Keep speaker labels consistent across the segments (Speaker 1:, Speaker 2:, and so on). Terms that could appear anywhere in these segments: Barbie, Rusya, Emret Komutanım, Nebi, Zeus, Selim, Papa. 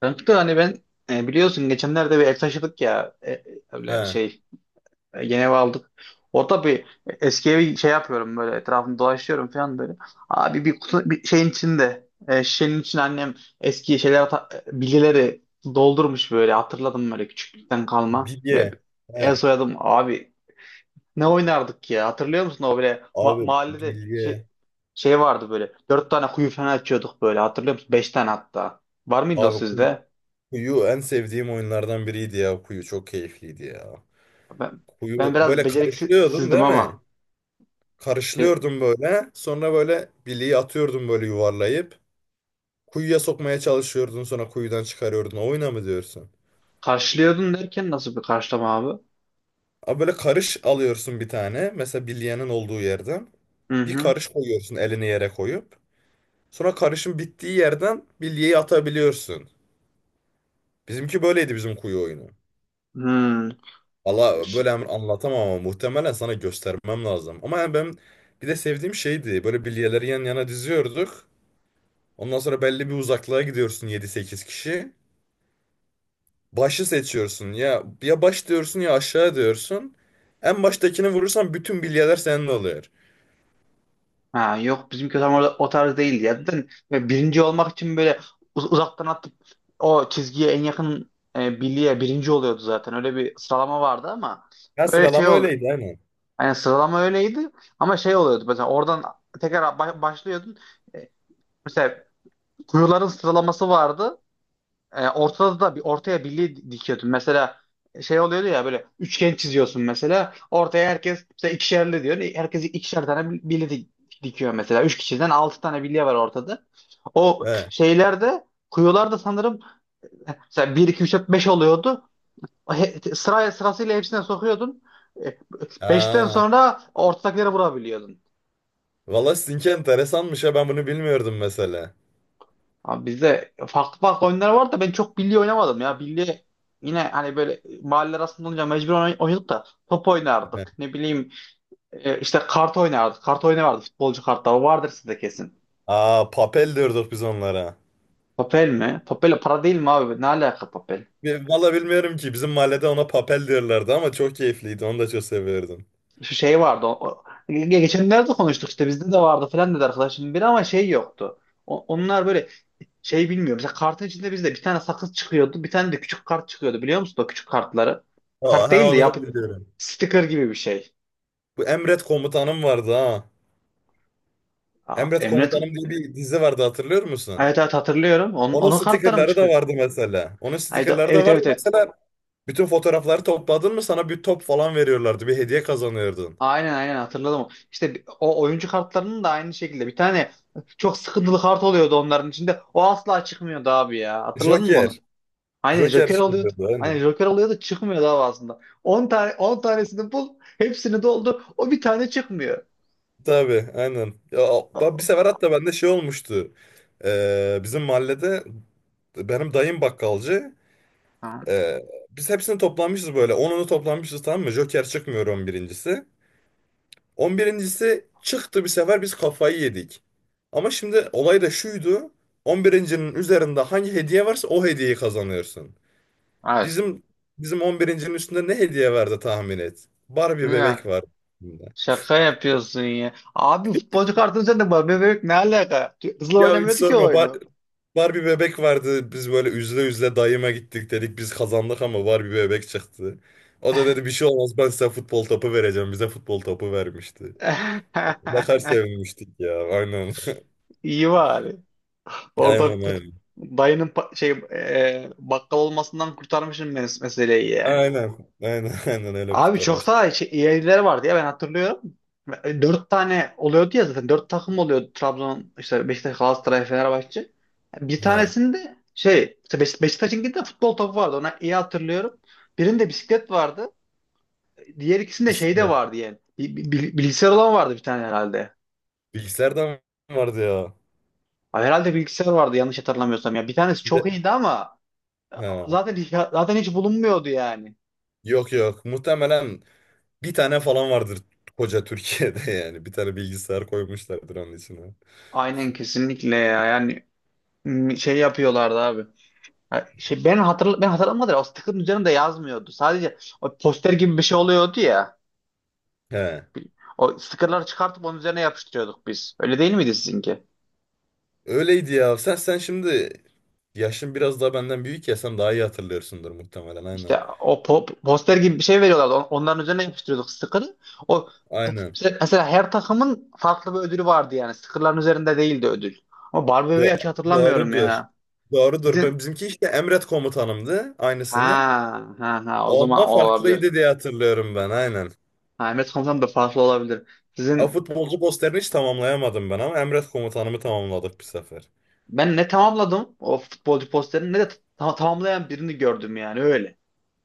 Speaker 1: Kanka hani ben biliyorsun geçenlerde bir ev taşıdık ya öyle
Speaker 2: He.
Speaker 1: şey yeni ev aldık. Orada bir eski evi şey yapıyorum böyle etrafını dolaşıyorum falan böyle. Abi bir, kutu, bir şeyin içinde şişenin içine annem eski şeyler bilgileri doldurmuş böyle hatırladım böyle küçüklükten kalma. Böyle
Speaker 2: Bilye.
Speaker 1: el
Speaker 2: He.
Speaker 1: soyadım abi ne oynardık ya hatırlıyor musun o böyle
Speaker 2: Abi
Speaker 1: mahallede şey,
Speaker 2: bilye.
Speaker 1: şey vardı böyle dört tane kuyu falan açıyorduk böyle hatırlıyor musun? Beş tane hatta var mıydı o
Speaker 2: Abi kuyu,
Speaker 1: sizde?
Speaker 2: Kuyu en sevdiğim oyunlardan biriydi ya. Kuyu çok keyifliydi ya.
Speaker 1: Ben, ben
Speaker 2: Kuyu
Speaker 1: biraz
Speaker 2: böyle karışlıyordun,
Speaker 1: beceriksizdim
Speaker 2: değil mi?
Speaker 1: ama bir
Speaker 2: Karışlıyordun böyle. Sonra böyle bilyeyi atıyordun böyle yuvarlayıp. Kuyuya sokmaya çalışıyordun, sonra kuyudan çıkarıyordun. O oyuna mı diyorsun?
Speaker 1: karşılıyordun derken nasıl bir karşılama abi?
Speaker 2: Abi böyle karış alıyorsun bir tane. Mesela bilyenin olduğu yerden.
Speaker 1: Hı
Speaker 2: Bir
Speaker 1: hı.
Speaker 2: karış koyuyorsun, elini yere koyup. Sonra karışın bittiği yerden bilyeyi atabiliyorsun. Bizimki böyleydi, bizim kuyu oyunu.
Speaker 1: Hmm.
Speaker 2: Valla böyle
Speaker 1: Ş-
Speaker 2: hemen anlatamam ama muhtemelen sana göstermem lazım. Ama yani ben bir de sevdiğim şeydi. Böyle bilyeleri yan yana diziyorduk. Ondan sonra belli bir uzaklığa gidiyorsun, yedi sekiz kişi. Başı seçiyorsun. Ya ya baş diyorsun ya aşağı diyorsun. En baştakini vurursan bütün bilyeler senin oluyor.
Speaker 1: Ha, yok bizimki tam orada o tarz değildi ya. Zaten böyle birinci olmak için böyle uzaktan atıp o çizgiye en yakın birliğe birinci oluyordu zaten. Öyle bir sıralama vardı ama
Speaker 2: Ya,
Speaker 1: böyle şey
Speaker 2: sıralama
Speaker 1: oldu.
Speaker 2: öyleydi hani.
Speaker 1: Yani sıralama öyleydi ama şey oluyordu. Mesela oradan tekrar başlıyordun. E, Mesela kuyuların sıralaması vardı. Ortada da bir, ortaya birliği dikiyordun. Mesela şey oluyordu ya, böyle üçgen çiziyorsun mesela. Ortaya herkes mesela ikişerli diyor. Herkes ikişer tane birliği dikiyor mesela. Üç kişiden altı tane birliği var ortada. O
Speaker 2: He.
Speaker 1: şeylerde, kuyularda sanırım mesela bir 2 3 4 5 oluyordu. Sıraya, sırasıyla hepsine sokuyordun. E, Beşten
Speaker 2: Aa,
Speaker 1: sonra ortadakileri vurabiliyordun.
Speaker 2: valla sizinki enteresanmış ya, ben bunu bilmiyordum mesela.
Speaker 1: Abi bizde farklı farklı oyunlar var da ben çok bilye oynamadım ya. Bilye yine hani böyle mahalle arasında olunca mecbur oynadık da top oynardık.
Speaker 2: He.
Speaker 1: Ne bileyim, işte kart oynardık. Kart oyunu vardı, futbolcu kartları. O vardır sizde kesin.
Speaker 2: Aa, papel diyorduk biz onlara.
Speaker 1: Papel mi? Papel para değil mi abi? Ne alaka papel?
Speaker 2: Ve valla bilmiyorum ki, bizim mahallede ona papel diyorlardı ama çok keyifliydi, onu da çok seviyordum.
Speaker 1: Şu şey vardı. Geçenlerde konuştuk, işte bizde de vardı falan dedi arkadaşım biri, ama şey yoktu. Onlar böyle şey, bilmiyorum. Mesela kartın içinde bizde bir tane sakız çıkıyordu. Bir tane de küçük kart çıkıyordu, biliyor musun? O küçük kartları.
Speaker 2: Ha,
Speaker 1: Kart
Speaker 2: ha,
Speaker 1: değil de
Speaker 2: onu da biliyorum.
Speaker 1: sticker gibi bir şey.
Speaker 2: Bu Emret Komutanım vardı ha.
Speaker 1: Aa,
Speaker 2: Emret Komutanım diye bir dizi vardı, hatırlıyor musun?
Speaker 1: Evet, evet, hatırlıyorum. Onun,
Speaker 2: Onun
Speaker 1: onun kartları mı
Speaker 2: stikerleri de
Speaker 1: çıkıyor?
Speaker 2: vardı mesela. Onun
Speaker 1: Haydi,
Speaker 2: stikerleri de
Speaker 1: evet,
Speaker 2: vardı
Speaker 1: evet, evet.
Speaker 2: mesela. Bütün fotoğrafları topladın mı sana bir top falan veriyorlardı. Bir hediye kazanıyordun.
Speaker 1: Aynen, aynen hatırladım. İşte o oyuncu kartlarının da aynı şekilde bir tane çok sıkıntılı kart oluyordu onların içinde. O asla çıkmıyordu abi ya. Hatırladın mı
Speaker 2: Joker.
Speaker 1: onu? Aynen,
Speaker 2: Joker
Speaker 1: Joker oluyordu.
Speaker 2: çıkıyordu
Speaker 1: Aynen,
Speaker 2: aynen.
Speaker 1: Joker oluyordu, çıkmıyordu abi aslında. 10 tane, 10 tanesini bul, hepsini doldur. O bir tane çıkmıyor.
Speaker 2: Tabii aynen. Ya, bir sefer hatta bende şey olmuştu. Bizim mahallede benim dayım bakkalcı. Biz hepsini toplanmışız böyle. 10'unu toplanmışız, tamam mı? Joker çıkmıyor, on birincisi çıktı bir sefer, biz kafayı yedik. Ama şimdi olay da şuydu. 11'incinin üzerinde hangi hediye varsa o hediyeyi kazanıyorsun.
Speaker 1: Hayır.
Speaker 2: Bizim bizim 11'incinin üstünde ne hediye vardı tahmin et. Barbie bebek
Speaker 1: Ya
Speaker 2: var. Üstünde.
Speaker 1: şaka yapıyorsun ya. Abi futbolcu kartını sen de var. Bebek ne alaka? Hızlı
Speaker 2: Ya hiç
Speaker 1: oynamıyordu ki o
Speaker 2: sorma.
Speaker 1: oyunu.
Speaker 2: Barbie bebek vardı. Biz böyle üzle üzle dayıma gittik, dedik. Biz kazandık ama Barbie bebek çıktı. O da dedi, bir şey olmaz, ben size futbol topu vereceğim. Bize futbol topu vermişti. Ne kadar sevinmiştik ya. Aynen.
Speaker 1: İyi bari.
Speaker 2: Aynen,
Speaker 1: Orada
Speaker 2: aynen.
Speaker 1: dayının bakkal olmasından kurtarmışım meseleyi yani.
Speaker 2: Aynen. Aynen aynen öyle
Speaker 1: Abi çok daha
Speaker 2: kurtarmıştık.
Speaker 1: şey, iyileri vardı ya, ben hatırlıyorum. Dört tane oluyordu ya zaten. Dört takım oluyordu. Trabzon, işte Beşiktaş, Galatasaray, Fenerbahçe. Bir
Speaker 2: He.
Speaker 1: tanesinde şey, işte Beşiktaş'ınkinde de futbol topu vardı. Ona iyi hatırlıyorum. Birinde bisiklet vardı. Diğer ikisinde şey de
Speaker 2: Bisiklet.
Speaker 1: vardı yani. Bilgisayar olan vardı bir tane herhalde.
Speaker 2: Bilgisayar da mı vardı ya?
Speaker 1: Ay, herhalde bilgisayar vardı yanlış hatırlamıyorsam ya. Bir tanesi
Speaker 2: Bir
Speaker 1: çok
Speaker 2: de-
Speaker 1: iyiydi ama e,
Speaker 2: He.
Speaker 1: zaten hiç bulunmuyordu yani.
Speaker 2: Yok yok. Muhtemelen bir tane falan vardır koca Türkiye'de yani. Bir tane bilgisayar koymuşlardır onun içine.
Speaker 1: Aynen, kesinlikle ya. Yani şey yapıyorlardı abi. Ha, şey, ben hatırlamadım. Da o sticker'ın üzerinde yazmıyordu. Sadece o poster gibi bir şey oluyordu ya.
Speaker 2: He.
Speaker 1: O sticker'ları çıkartıp onun üzerine yapıştırıyorduk biz. Öyle değil miydi sizinki?
Speaker 2: Öyleydi ya. Sen şimdi yaşın biraz daha benden büyük ya, sen daha iyi hatırlıyorsundur muhtemelen, aynen.
Speaker 1: İşte o poster gibi bir şey veriyorlardı. Onların üzerine yapıştırıyorduk sticker'ı. O
Speaker 2: Aynen.
Speaker 1: mesela her takımın farklı bir ödülü vardı yani. Sticker'ların üzerinde değildi ödül. Ama Barbie bebeği
Speaker 2: Do-
Speaker 1: hiç hatırlamıyorum
Speaker 2: Doğrudur.
Speaker 1: ya.
Speaker 2: Doğrudur. Ben
Speaker 1: Sizin
Speaker 2: bizimki işte Emret Komutanımdı aynısının.
Speaker 1: ha ha Ha, o zaman
Speaker 2: Onda
Speaker 1: o olabilir.
Speaker 2: farklıydı diye hatırlıyorum ben, aynen.
Speaker 1: Ha, Ahmet Komutan da farklı olabilir. Sizin
Speaker 2: Futbolcu posterini hiç tamamlayamadım ben ama Emret Komutanımı tamamladık bir sefer.
Speaker 1: Ben ne tamamladım o futbolcu posterini ne de tamamlayan birini gördüm yani öyle.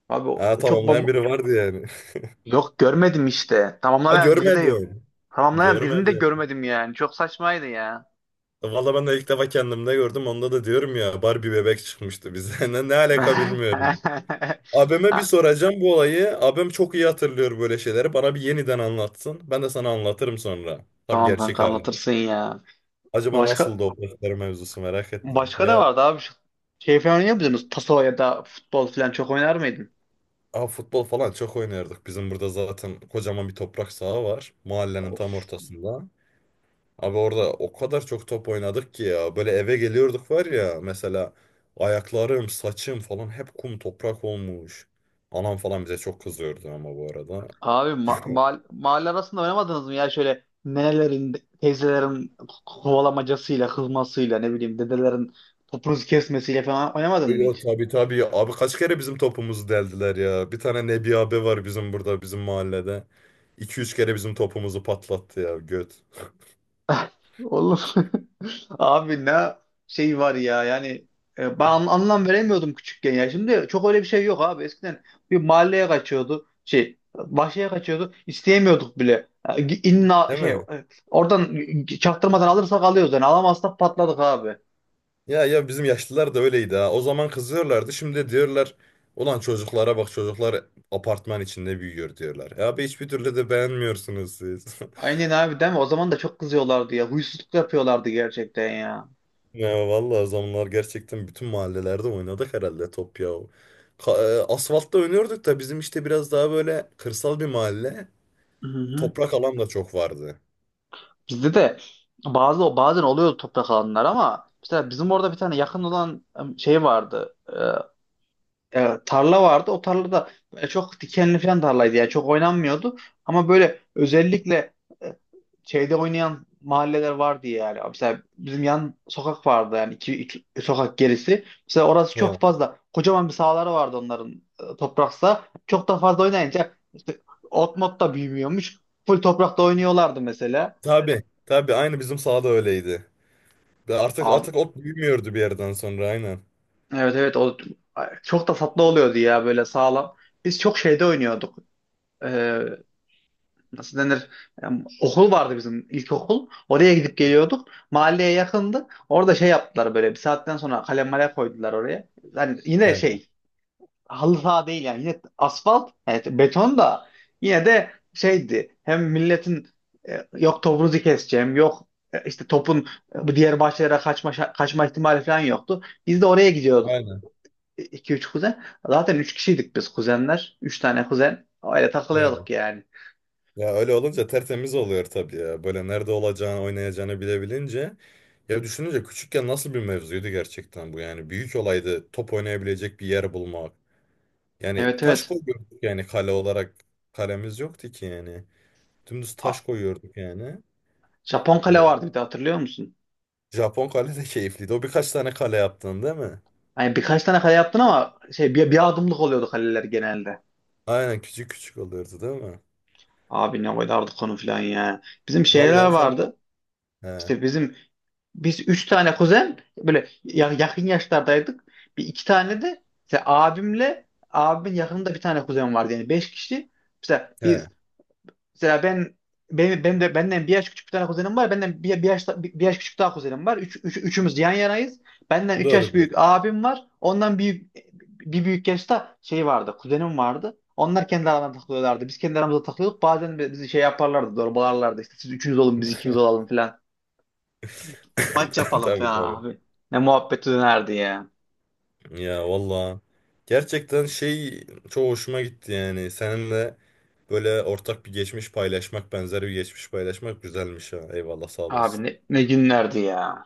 Speaker 1: Abi
Speaker 2: Ha,
Speaker 1: çok
Speaker 2: tamamlayan biri vardı yani.
Speaker 1: yok, görmedim işte.
Speaker 2: Ha,
Speaker 1: Tamamlayan biri de yok.
Speaker 2: görmedim.
Speaker 1: Tamamlayan birini de
Speaker 2: Görmedim.
Speaker 1: görmedim yani. Çok saçmaydı ya.
Speaker 2: Valla ben de ilk defa kendimde gördüm. Onda da diyorum ya, Barbie bebek çıkmıştı bize. Ne alaka bilmiyorum.
Speaker 1: Ha,
Speaker 2: Abime bir soracağım bu olayı. Abim çok iyi hatırlıyor böyle şeyleri. Bana bir yeniden anlatsın. Ben de sana anlatırım sonra. Tam
Speaker 1: tamam
Speaker 2: gerçek
Speaker 1: kanka,
Speaker 2: hali.
Speaker 1: anlatırsın ya.
Speaker 2: Acaba
Speaker 1: Başka,
Speaker 2: nasıldı o poster mevzusu, merak ettim.
Speaker 1: başka da
Speaker 2: Ya,
Speaker 1: vardı abi. Şey falan oynuyor muydunuz? Taso ya da futbol falan çok oynar mıydın?
Speaker 2: aa, futbol falan çok oynardık. Bizim burada zaten kocaman bir toprak saha var. Mahallenin
Speaker 1: Of.
Speaker 2: tam ortasında. Abi orada o kadar çok top oynadık ki ya. Böyle eve geliyorduk var ya, mesela ayaklarım, saçım falan hep kum toprak olmuş. Anam falan bize çok kızıyordu ama bu arada.
Speaker 1: Abi mahalle arasında oynamadınız mı ya, şöyle nenelerin, teyzelerin kovalamacasıyla, kızmasıyla, ne bileyim, dedelerin topunuzu kesmesiyle falan oynamadın mı
Speaker 2: Yo
Speaker 1: hiç?
Speaker 2: tabii tabii. Abi kaç kere bizim topumuzu deldiler ya. Bir tane Nebi abi var bizim burada, bizim mahallede. İki üç kere bizim topumuzu patlattı ya göt.
Speaker 1: Olur. Abi ne şey var ya, yani ben anlam veremiyordum küçükken ya. Şimdi çok öyle bir şey yok abi. Eskiden bir mahalleye kaçıyordu. Şey, bahçeye kaçıyordu. İsteyemiyorduk bile. İnna
Speaker 2: Değil
Speaker 1: şey,
Speaker 2: mi?
Speaker 1: oradan çaktırmadan alırsak alıyoruz yani. Alamazsak patladık abi.
Speaker 2: Ya ya bizim yaşlılar da öyleydi ha. O zaman kızıyorlardı. Şimdi de diyorlar ulan, çocuklara bak, çocuklar apartman içinde büyüyor diyorlar. E abi hiçbir türlü de beğenmiyorsunuz siz.
Speaker 1: Aynen abi, değil mi? O zaman da çok kızıyorlardı ya. Huysuzluk yapıyorlardı gerçekten ya.
Speaker 2: Ya vallahi o zamanlar gerçekten bütün mahallelerde oynadık herhalde top ya. Asfaltta oynuyorduk da bizim, işte biraz daha böyle kırsal bir mahalle.
Speaker 1: Hı hı.
Speaker 2: Toprak alan da çok vardı.
Speaker 1: Bizde de bazen oluyordu toprak alanlar, ama mesela bizim orada bir tane yakın olan şey vardı. Tarla vardı. O tarlada çok dikenli falan tarlaydı yani, çok oynanmıyordu. Ama böyle özellikle e, şeyde oynayan mahalleler vardı yani. Mesela bizim yan sokak vardı yani, iki sokak gerisi. Mesela orası çok
Speaker 2: He.
Speaker 1: fazla kocaman bir sahaları vardı onların, toprak saha. Çok da fazla oynayınca işte ot mot da büyümüyormuş. Full toprakta oynuyorlardı mesela.
Speaker 2: Tabii tabii aynı bizim sahada öyleydi. Ve Artık
Speaker 1: Abi
Speaker 2: artık ot büyümüyordu bir yerden sonra, aynen.
Speaker 1: evet, evet, ay, çok da tatlı oluyordu ya, böyle sağlam. Biz çok şeyde oynuyorduk. E, Nasıl denir, okul vardı bizim, ilkokul. Oraya gidip geliyorduk. Mahalleye yakındı. Orada şey yaptılar, böyle bir saatten sonra kalem male koydular oraya. Yani yine
Speaker 2: He,
Speaker 1: şey, halı saha değil yani, yine asfalt, evet, beton da, yine de şeydi, hem milletin yok topunuzu keseceğim, yok işte topun bu diğer bahçelere kaçma ihtimali falan yoktu. Biz de oraya gidiyorduk,
Speaker 2: aynen.
Speaker 1: iki üç kuzen. Zaten 3 kişiydik biz kuzenler. Üç tane kuzen. Öyle
Speaker 2: He.
Speaker 1: takılıyorduk yani.
Speaker 2: Ya öyle olunca tertemiz oluyor tabii ya. Böyle nerede olacağını, oynayacağını bilebilince. Ya düşününce küçükken nasıl bir mevzuydu gerçekten bu yani. Büyük olaydı top oynayabilecek bir yer bulmak. Yani
Speaker 1: Evet,
Speaker 2: taş
Speaker 1: evet.
Speaker 2: koyuyorduk yani, kale olarak kalemiz yoktu ki yani. Dümdüz taş koyuyorduk yani.
Speaker 1: Japon kale
Speaker 2: Ya,
Speaker 1: vardı bir de, hatırlıyor musun?
Speaker 2: Japon kale de keyifliydi. O birkaç tane kale yaptın, değil mi?
Speaker 1: Hani birkaç tane kale yaptın ama şey, bir adımlık oluyordu kaleler genelde.
Speaker 2: Aynen, küçük küçük oluyordu değil mi?
Speaker 1: Abi ne koyardık onu falan ya. Bizim şeyler
Speaker 2: Vallahi sen...
Speaker 1: vardı.
Speaker 2: He,
Speaker 1: İşte bizim, üç tane kuzen böyle yakın yaşlardaydık. Bir iki tane de işte abimin yakınında bir tane kuzen vardı, yani beş kişi. İşte
Speaker 2: he.
Speaker 1: mesela ben, benim, ben de benden bir yaş küçük bir tane kuzenim var. Benden bir yaş küçük daha kuzenim var. Üçümüz yan yanayız. Benden üç yaş
Speaker 2: Doğrudur.
Speaker 1: büyük abim var. Ondan büyük bir büyük yaşta şey vardı. Kuzenim vardı. Onlar kendi aralarında takılıyorlardı. Biz kendi aramızda takılıyorduk. Bazen bizi şey yaparlardı. Zorbalarlardı. İşte siz üçünüz olun, biz ikimiz olalım falan. Maç yapalım
Speaker 2: Tabii
Speaker 1: falan
Speaker 2: tabii.
Speaker 1: abi. Ne muhabbeti dönerdi ya.
Speaker 2: Ya valla, gerçekten şey, çok hoşuma gitti yani seninle böyle ortak bir geçmiş paylaşmak, benzer bir geçmiş paylaşmak güzelmiş ha, eyvallah, sağ
Speaker 1: Abi
Speaker 2: olasın.
Speaker 1: ne günlerdi ya.